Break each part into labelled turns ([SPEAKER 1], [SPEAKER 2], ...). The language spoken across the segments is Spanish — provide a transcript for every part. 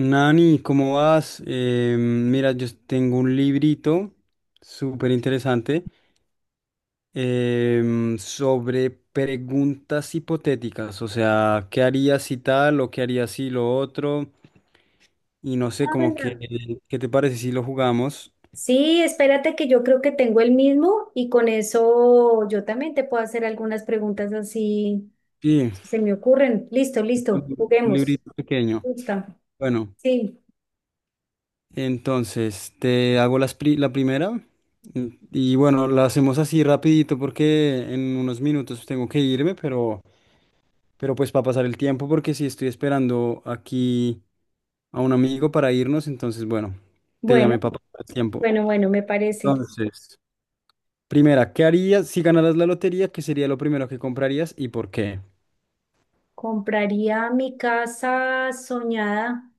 [SPEAKER 1] Nani, ¿cómo vas? Mira, yo tengo un librito súper interesante sobre preguntas hipotéticas, o sea, ¿qué harías si tal o qué harías si lo otro? Y no sé, como
[SPEAKER 2] Hola.
[SPEAKER 1] que, ¿qué te parece si lo jugamos?
[SPEAKER 2] Sí, espérate que yo creo que tengo el mismo y con eso yo también te puedo hacer algunas preguntas así
[SPEAKER 1] Sí,
[SPEAKER 2] si se me ocurren. Listo,
[SPEAKER 1] es
[SPEAKER 2] listo,
[SPEAKER 1] un
[SPEAKER 2] juguemos.
[SPEAKER 1] librito pequeño.
[SPEAKER 2] Gusta.
[SPEAKER 1] Bueno,
[SPEAKER 2] Sí,
[SPEAKER 1] entonces te hago la primera y bueno, la hacemos así rapidito porque en unos minutos tengo que irme, pero... Pero pues para pasar el tiempo, porque si estoy esperando aquí a un amigo para irnos, entonces bueno, te llamé
[SPEAKER 2] bueno,
[SPEAKER 1] para pasar el tiempo.
[SPEAKER 2] bueno, bueno, me parece.
[SPEAKER 1] Entonces, primera, ¿qué harías si ganaras la lotería? ¿Qué sería lo primero que comprarías y por qué?
[SPEAKER 2] Compraría mi casa soñada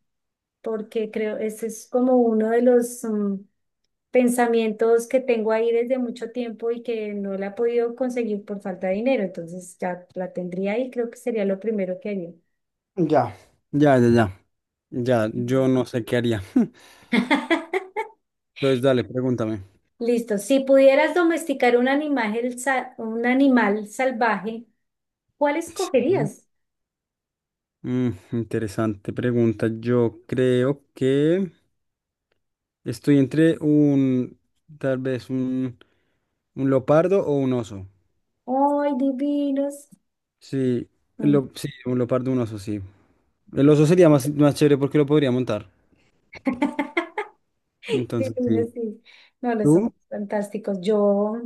[SPEAKER 2] porque creo, ese es como uno de los pensamientos que tengo ahí desde mucho tiempo y que no la he podido conseguir por falta de dinero. Entonces ya la tendría ahí, creo que sería lo primero que haría.
[SPEAKER 1] Ya. Ya, ya, ya. Ya, yo no sé qué haría. Entonces, dale, pregúntame.
[SPEAKER 2] Listo. Si pudieras domesticar un animal, un animal salvaje, ¿cuál
[SPEAKER 1] Sí.
[SPEAKER 2] escogerías?
[SPEAKER 1] Mm, interesante pregunta. Yo creo que estoy entre un, tal vez un leopardo o un oso.
[SPEAKER 2] ¡Ay, divinos!
[SPEAKER 1] Sí,
[SPEAKER 2] Mm.
[SPEAKER 1] sí, un leopardo, un oso, sí. El oso sería más, más chévere porque lo podría montar. Entonces, sí.
[SPEAKER 2] Divinos, sí. No, los
[SPEAKER 1] ¿Tú?
[SPEAKER 2] son fantásticos. Yo,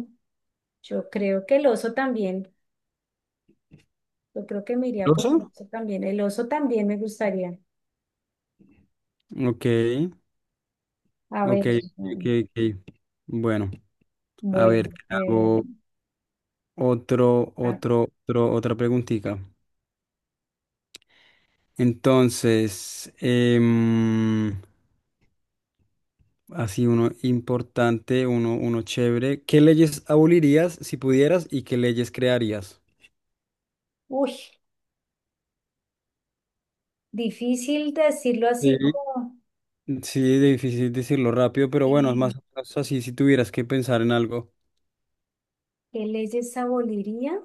[SPEAKER 2] yo creo que el oso también. Yo creo que me iría
[SPEAKER 1] ¿El
[SPEAKER 2] por el
[SPEAKER 1] oso?
[SPEAKER 2] oso también. El oso también me gustaría.
[SPEAKER 1] Ok,
[SPEAKER 2] A ver,
[SPEAKER 1] ok, ok,
[SPEAKER 2] mm,
[SPEAKER 1] ok. Bueno, a
[SPEAKER 2] bueno.
[SPEAKER 1] ver, te
[SPEAKER 2] eh,
[SPEAKER 1] hago
[SPEAKER 2] ah,
[SPEAKER 1] otra preguntita. Entonces, así uno importante, uno chévere. ¿Qué leyes abolirías si pudieras y qué leyes crearías?
[SPEAKER 2] uy, difícil decirlo así
[SPEAKER 1] Sí.
[SPEAKER 2] como,
[SPEAKER 1] Sí, difícil decirlo rápido, pero bueno, es más
[SPEAKER 2] sí,
[SPEAKER 1] o menos así si tuvieras que pensar en algo.
[SPEAKER 2] ¿qué leyes aboliría?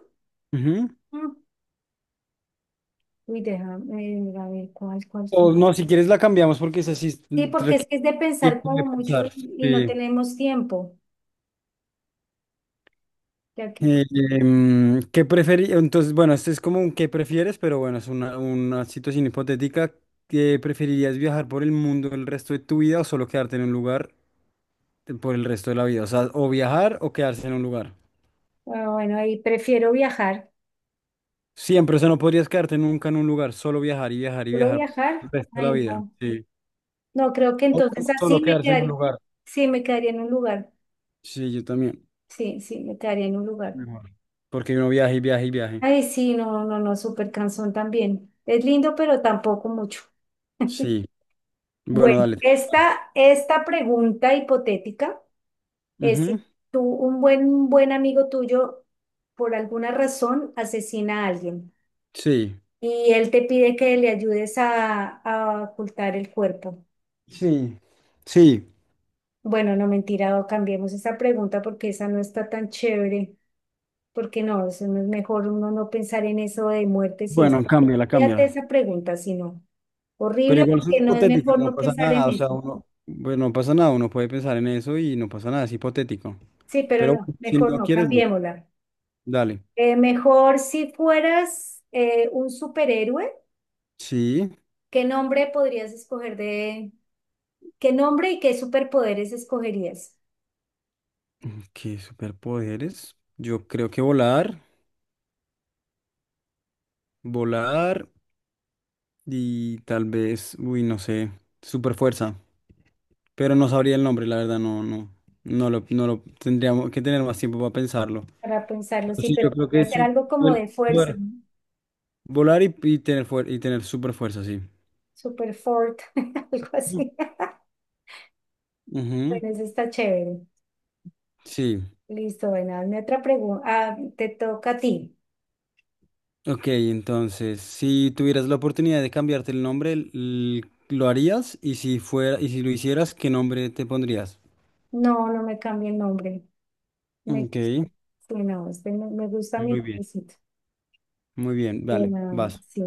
[SPEAKER 1] Ujú.
[SPEAKER 2] Mm. Uy, déjame a ver cuál. Sí,
[SPEAKER 1] O no, si quieres la cambiamos porque es así,
[SPEAKER 2] sí, porque es que
[SPEAKER 1] requiere
[SPEAKER 2] es de
[SPEAKER 1] tiempo
[SPEAKER 2] pensar como
[SPEAKER 1] de
[SPEAKER 2] mucho
[SPEAKER 1] pensar.
[SPEAKER 2] y no
[SPEAKER 1] Sí.
[SPEAKER 2] tenemos tiempo. Ya que,
[SPEAKER 1] Entonces, bueno, este es como un qué prefieres, pero bueno, es una situación hipotética. ¿Qué preferirías viajar por el mundo el resto de tu vida o solo quedarte en un lugar por el resto de la vida? O sea, o viajar o quedarse en un lugar.
[SPEAKER 2] ah, bueno, ahí prefiero viajar.
[SPEAKER 1] Siempre, o sea, no podrías quedarte nunca en un lugar, solo viajar y viajar y
[SPEAKER 2] ¿Solo
[SPEAKER 1] viajar el
[SPEAKER 2] viajar?
[SPEAKER 1] resto de la
[SPEAKER 2] Ay,
[SPEAKER 1] vida.
[SPEAKER 2] no.
[SPEAKER 1] Sí.
[SPEAKER 2] No, creo que
[SPEAKER 1] O
[SPEAKER 2] entonces así
[SPEAKER 1] solo
[SPEAKER 2] me
[SPEAKER 1] quedarse en un
[SPEAKER 2] quedaría.
[SPEAKER 1] lugar.
[SPEAKER 2] Sí, me quedaría en un lugar.
[SPEAKER 1] Sí, yo también.
[SPEAKER 2] Sí, sí, me quedaría en un lugar.
[SPEAKER 1] Mejor. Porque uno viaje, y viaja y viaje.
[SPEAKER 2] Ay, sí, no, no, no, súper cansón también. Es lindo, pero tampoco mucho.
[SPEAKER 1] Sí. Bueno,
[SPEAKER 2] Bueno,
[SPEAKER 1] dale.
[SPEAKER 2] esta pregunta hipotética. Eh, si
[SPEAKER 1] Ujú.
[SPEAKER 2] tú, un buen, un buen amigo tuyo, por alguna razón, asesina a alguien
[SPEAKER 1] Sí.
[SPEAKER 2] y él te pide que le ayudes a ocultar el cuerpo.
[SPEAKER 1] Sí. Sí.
[SPEAKER 2] Bueno, no mentira, o cambiemos esa pregunta porque esa no está tan chévere, porque no, eso no es mejor uno no pensar en eso de muerte si es.
[SPEAKER 1] Bueno, cámbiala,
[SPEAKER 2] Fíjate
[SPEAKER 1] cámbiala.
[SPEAKER 2] esa pregunta, si no.
[SPEAKER 1] Pero
[SPEAKER 2] Horrible
[SPEAKER 1] igual es
[SPEAKER 2] porque no es
[SPEAKER 1] hipotética,
[SPEAKER 2] mejor
[SPEAKER 1] no
[SPEAKER 2] no
[SPEAKER 1] pasa
[SPEAKER 2] pensar en
[SPEAKER 1] nada. O sea,
[SPEAKER 2] eso.
[SPEAKER 1] uno, bueno, no pasa nada. Uno puede pensar en eso y no pasa nada. Es hipotético.
[SPEAKER 2] Sí, pero
[SPEAKER 1] Pero
[SPEAKER 2] no,
[SPEAKER 1] bueno, si
[SPEAKER 2] mejor
[SPEAKER 1] no
[SPEAKER 2] no,
[SPEAKER 1] quieres, no.
[SPEAKER 2] cambiémosla.
[SPEAKER 1] Dale.
[SPEAKER 2] Mejor si fueras un superhéroe.
[SPEAKER 1] Sí.
[SPEAKER 2] ¿Qué nombre podrías escoger de... ¿Qué nombre y qué superpoderes escogerías?
[SPEAKER 1] ¿Qué superpoderes? Yo creo que volar. Volar y tal vez, uy, no sé. Super fuerza. Pero no sabría el nombre, la verdad, no, no, no lo tendríamos que tener más tiempo para pensarlo.
[SPEAKER 2] Para pensarlo,
[SPEAKER 1] Pero
[SPEAKER 2] sí,
[SPEAKER 1] sí, yo
[SPEAKER 2] pero
[SPEAKER 1] creo que
[SPEAKER 2] podría ser algo como
[SPEAKER 1] el
[SPEAKER 2] de fuerza,
[SPEAKER 1] poder
[SPEAKER 2] ¿no?
[SPEAKER 1] volar y, y tener super fuerza, sí.
[SPEAKER 2] Super fort, algo así.
[SPEAKER 1] Ujú.
[SPEAKER 2] Bueno, eso está chévere.
[SPEAKER 1] Sí.
[SPEAKER 2] Listo, bueno, hazme otra pregunta. Ah, te toca a ti.
[SPEAKER 1] Ok, entonces, si tuvieras la oportunidad de cambiarte el nombre, ¿lo harías? Y si fuera, y si lo hicieras, ¿qué nombre te pondrías?
[SPEAKER 2] No, no me cambie el nombre. Me,
[SPEAKER 1] Ok,
[SPEAKER 2] sí, no, este me gusta mi
[SPEAKER 1] muy bien.
[SPEAKER 2] nombrecito.
[SPEAKER 1] Muy bien,
[SPEAKER 2] Eh,
[SPEAKER 1] vale,
[SPEAKER 2] no,
[SPEAKER 1] vas.
[SPEAKER 2] sí.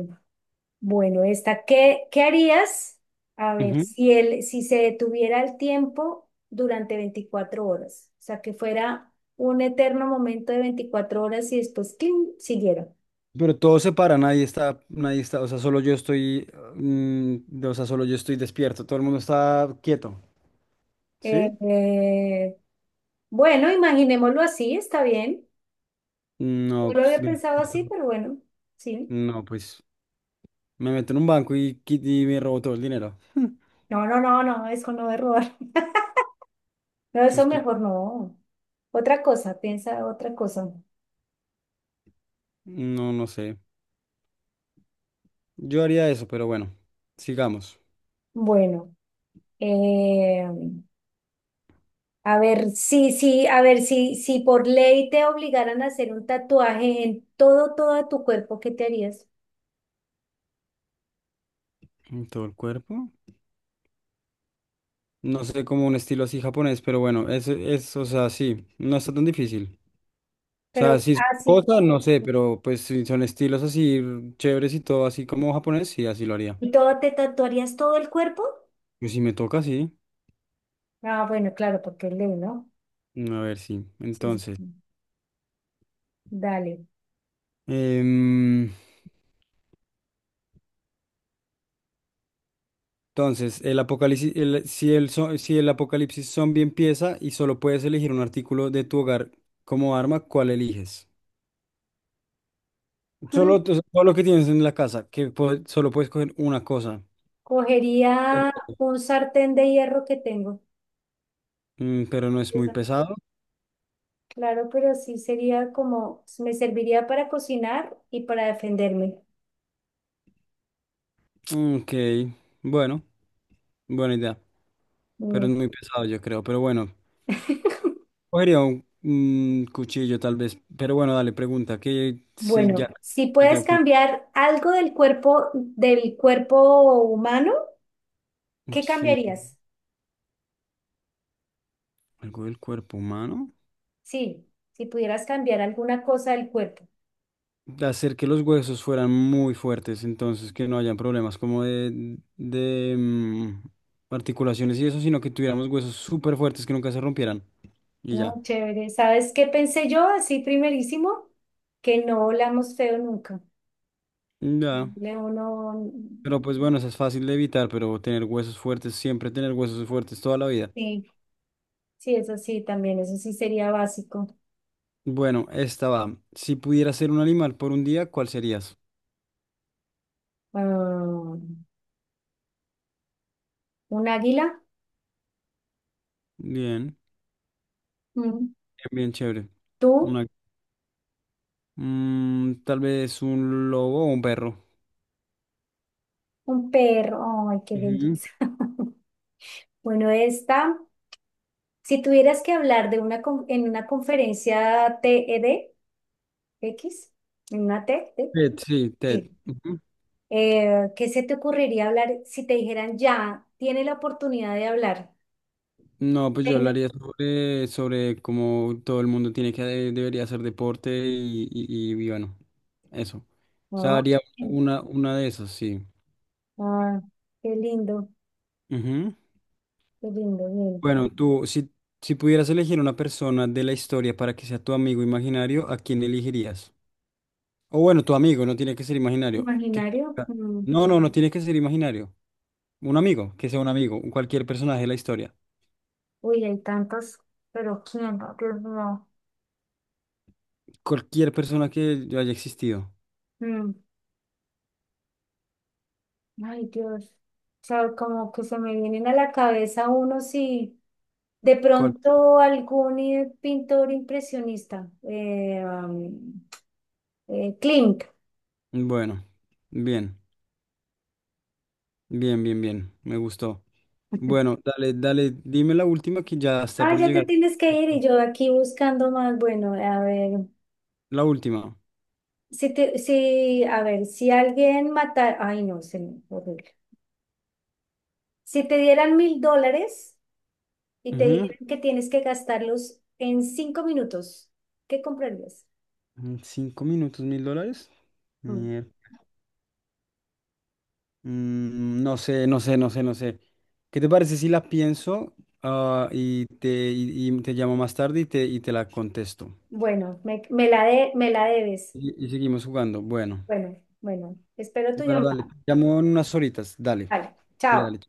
[SPEAKER 2] Bueno, esta, ¿qué harías? A ver,
[SPEAKER 1] Ujú.
[SPEAKER 2] si se detuviera el tiempo durante 24 horas, o sea, que fuera un eterno momento de 24 horas y después, ¡cling! Siguiera.
[SPEAKER 1] Pero todo se para, nadie está, o sea, solo yo estoy, o sea, solo yo estoy despierto, todo el mundo está quieto,
[SPEAKER 2] Eh,
[SPEAKER 1] ¿sí?
[SPEAKER 2] eh, bueno, imaginémoslo así, está bien.
[SPEAKER 1] No,
[SPEAKER 2] No lo
[SPEAKER 1] pues,
[SPEAKER 2] había pensado así,
[SPEAKER 1] 24,
[SPEAKER 2] pero bueno, sí.
[SPEAKER 1] no, pues, me meto en un banco y me robo todo el dinero.
[SPEAKER 2] No, no, no, no, eso no es robar. No, eso
[SPEAKER 1] Pues, cl-
[SPEAKER 2] mejor no. Otra cosa, piensa otra cosa.
[SPEAKER 1] no, no sé. Yo haría eso, pero bueno, sigamos.
[SPEAKER 2] Bueno, eh, a ver, sí, sí, a ver, si por ley te obligaran a hacer un tatuaje en todo, todo tu cuerpo, ¿qué te harías?
[SPEAKER 1] En todo el cuerpo. No sé, como un estilo así japonés, pero bueno, es, o sea, sí, no está tan difícil. O sea,
[SPEAKER 2] Pero
[SPEAKER 1] sí, son
[SPEAKER 2] así
[SPEAKER 1] cosas,
[SPEAKER 2] como,
[SPEAKER 1] no sé, pero pues si son estilos así chéveres y todo así como japonés, sí, así lo haría.
[SPEAKER 2] ¿y todo te tatuarías todo el cuerpo?
[SPEAKER 1] Pues si me toca, sí.
[SPEAKER 2] Ah, bueno, claro, porque es ley, ¿no?
[SPEAKER 1] A ver, sí.
[SPEAKER 2] Sí, sí. Sí. Dale.
[SPEAKER 1] Em, entonces, el apocalipsis, el- si el, zo- si el apocalipsis zombie empieza y solo puedes elegir un artículo de tu hogar como arma, ¿cuál eliges? Solo,
[SPEAKER 2] Mm,
[SPEAKER 1] o sea, todo lo que tienes en la casa, que po- solo puedes coger una cosa.
[SPEAKER 2] Cogería un sartén de hierro que tengo.
[SPEAKER 1] Mm, pero no es muy
[SPEAKER 2] Esa.
[SPEAKER 1] pesado.
[SPEAKER 2] Claro, pero sí sería como, me serviría para cocinar y para defenderme.
[SPEAKER 1] Ok, bueno, buena idea, pero
[SPEAKER 2] Mm.
[SPEAKER 1] es muy pesado, yo creo. Pero bueno, cogería un cuchillo tal vez. Pero bueno, dale, pregunta, que si
[SPEAKER 2] Bueno,
[SPEAKER 1] ya
[SPEAKER 2] si
[SPEAKER 1] me
[SPEAKER 2] puedes
[SPEAKER 1] tengo que ir.
[SPEAKER 2] cambiar algo del cuerpo humano, ¿qué
[SPEAKER 1] Sí.
[SPEAKER 2] cambiarías?
[SPEAKER 1] Algo del cuerpo humano.
[SPEAKER 2] Sí, si pudieras cambiar alguna cosa del cuerpo,
[SPEAKER 1] De hacer que los huesos fueran muy fuertes, entonces que no hayan problemas como articulaciones y eso, sino que tuviéramos huesos súper fuertes que nunca se rompieran. Y
[SPEAKER 2] ¿no?
[SPEAKER 1] ya.
[SPEAKER 2] Chévere. ¿Sabes qué pensé yo así primerísimo? Que no olamos feo nunca.
[SPEAKER 1] Ya.
[SPEAKER 2] Leo no,
[SPEAKER 1] Pero pues bueno, eso es fácil de evitar, pero tener huesos fuertes, siempre tener huesos fuertes toda la vida.
[SPEAKER 2] sí, sí, eso sí, también, eso sí sería básico.
[SPEAKER 1] Bueno, esta va. Si pudieras ser un animal por un día, ¿cuál serías?
[SPEAKER 2] Ah, ¿un águila?
[SPEAKER 1] Bien,
[SPEAKER 2] Mm.
[SPEAKER 1] bien, bien chévere.
[SPEAKER 2] ¿Tú?
[SPEAKER 1] Una- tal vez un lobo o un perro.
[SPEAKER 2] ¿Un perro? Ay, qué
[SPEAKER 1] Ujú.
[SPEAKER 2] belleza. Bueno, esta. Si tuvieras que hablar en una conferencia TEDx, en una TED,
[SPEAKER 1] Ted, sí, Ted.
[SPEAKER 2] sí, ¿qué se te ocurriría hablar si te dijeran ya, tiene la oportunidad de hablar?
[SPEAKER 1] No, pues yo
[SPEAKER 2] Venga.
[SPEAKER 1] hablaría sobre cómo todo el mundo tiene que debería hacer deporte y bueno, eso. O sea,
[SPEAKER 2] Ah,
[SPEAKER 1] haría una de esas, sí.
[SPEAKER 2] ah, qué lindo,
[SPEAKER 1] Ujú.
[SPEAKER 2] qué lindo, bien.
[SPEAKER 1] Bueno, tú, si pudieras elegir una persona de la historia para que sea tu amigo imaginario, ¿a quién elegirías? O bueno, tu amigo, no tiene que ser imaginario. ¿Qué
[SPEAKER 2] ¿Imaginario?
[SPEAKER 1] importa?
[SPEAKER 2] Mm,
[SPEAKER 1] No, no, no tiene que ser imaginario. Un amigo, que sea un amigo, cualquier personaje de la historia.
[SPEAKER 2] uy, hay tantos, pero ¿quién? Dios mío.
[SPEAKER 1] Cualquier persona que haya existido.
[SPEAKER 2] Mm, ay, Dios. O sea, como que se me vienen a la cabeza unos y... De
[SPEAKER 1] Cual-
[SPEAKER 2] pronto algún pintor impresionista, Klimt.
[SPEAKER 1] Bueno, bien. Bien, bien, bien. Me gustó. Bueno, dale, dale, dime la última que ya está
[SPEAKER 2] Ah,
[SPEAKER 1] por
[SPEAKER 2] ya te
[SPEAKER 1] llegar.
[SPEAKER 2] tienes que ir y yo aquí buscando más. Bueno, a ver,
[SPEAKER 1] La última.
[SPEAKER 2] si te, si, a ver, si alguien matara, ay no, se me horrible. Si te dieran 1000 dólares y te
[SPEAKER 1] Ujú.
[SPEAKER 2] dijeran que tienes que gastarlos en 5 minutos, ¿qué comprarías?
[SPEAKER 1] Mm, 5 minutos, $1,000.
[SPEAKER 2] Mm,
[SPEAKER 1] Mier- Mm, no sé, no sé, no sé, no sé. ¿Qué te parece si la pienso y te llamo más tarde y te la contesto?
[SPEAKER 2] bueno, me la debes.
[SPEAKER 1] Y seguimos jugando. Bueno,
[SPEAKER 2] Bueno, bueno, espero tu
[SPEAKER 1] bueno, dale. Te
[SPEAKER 2] llamada.
[SPEAKER 1] llamo en unas horitas. Dale,
[SPEAKER 2] Vale,
[SPEAKER 1] dale, dale.
[SPEAKER 2] chao.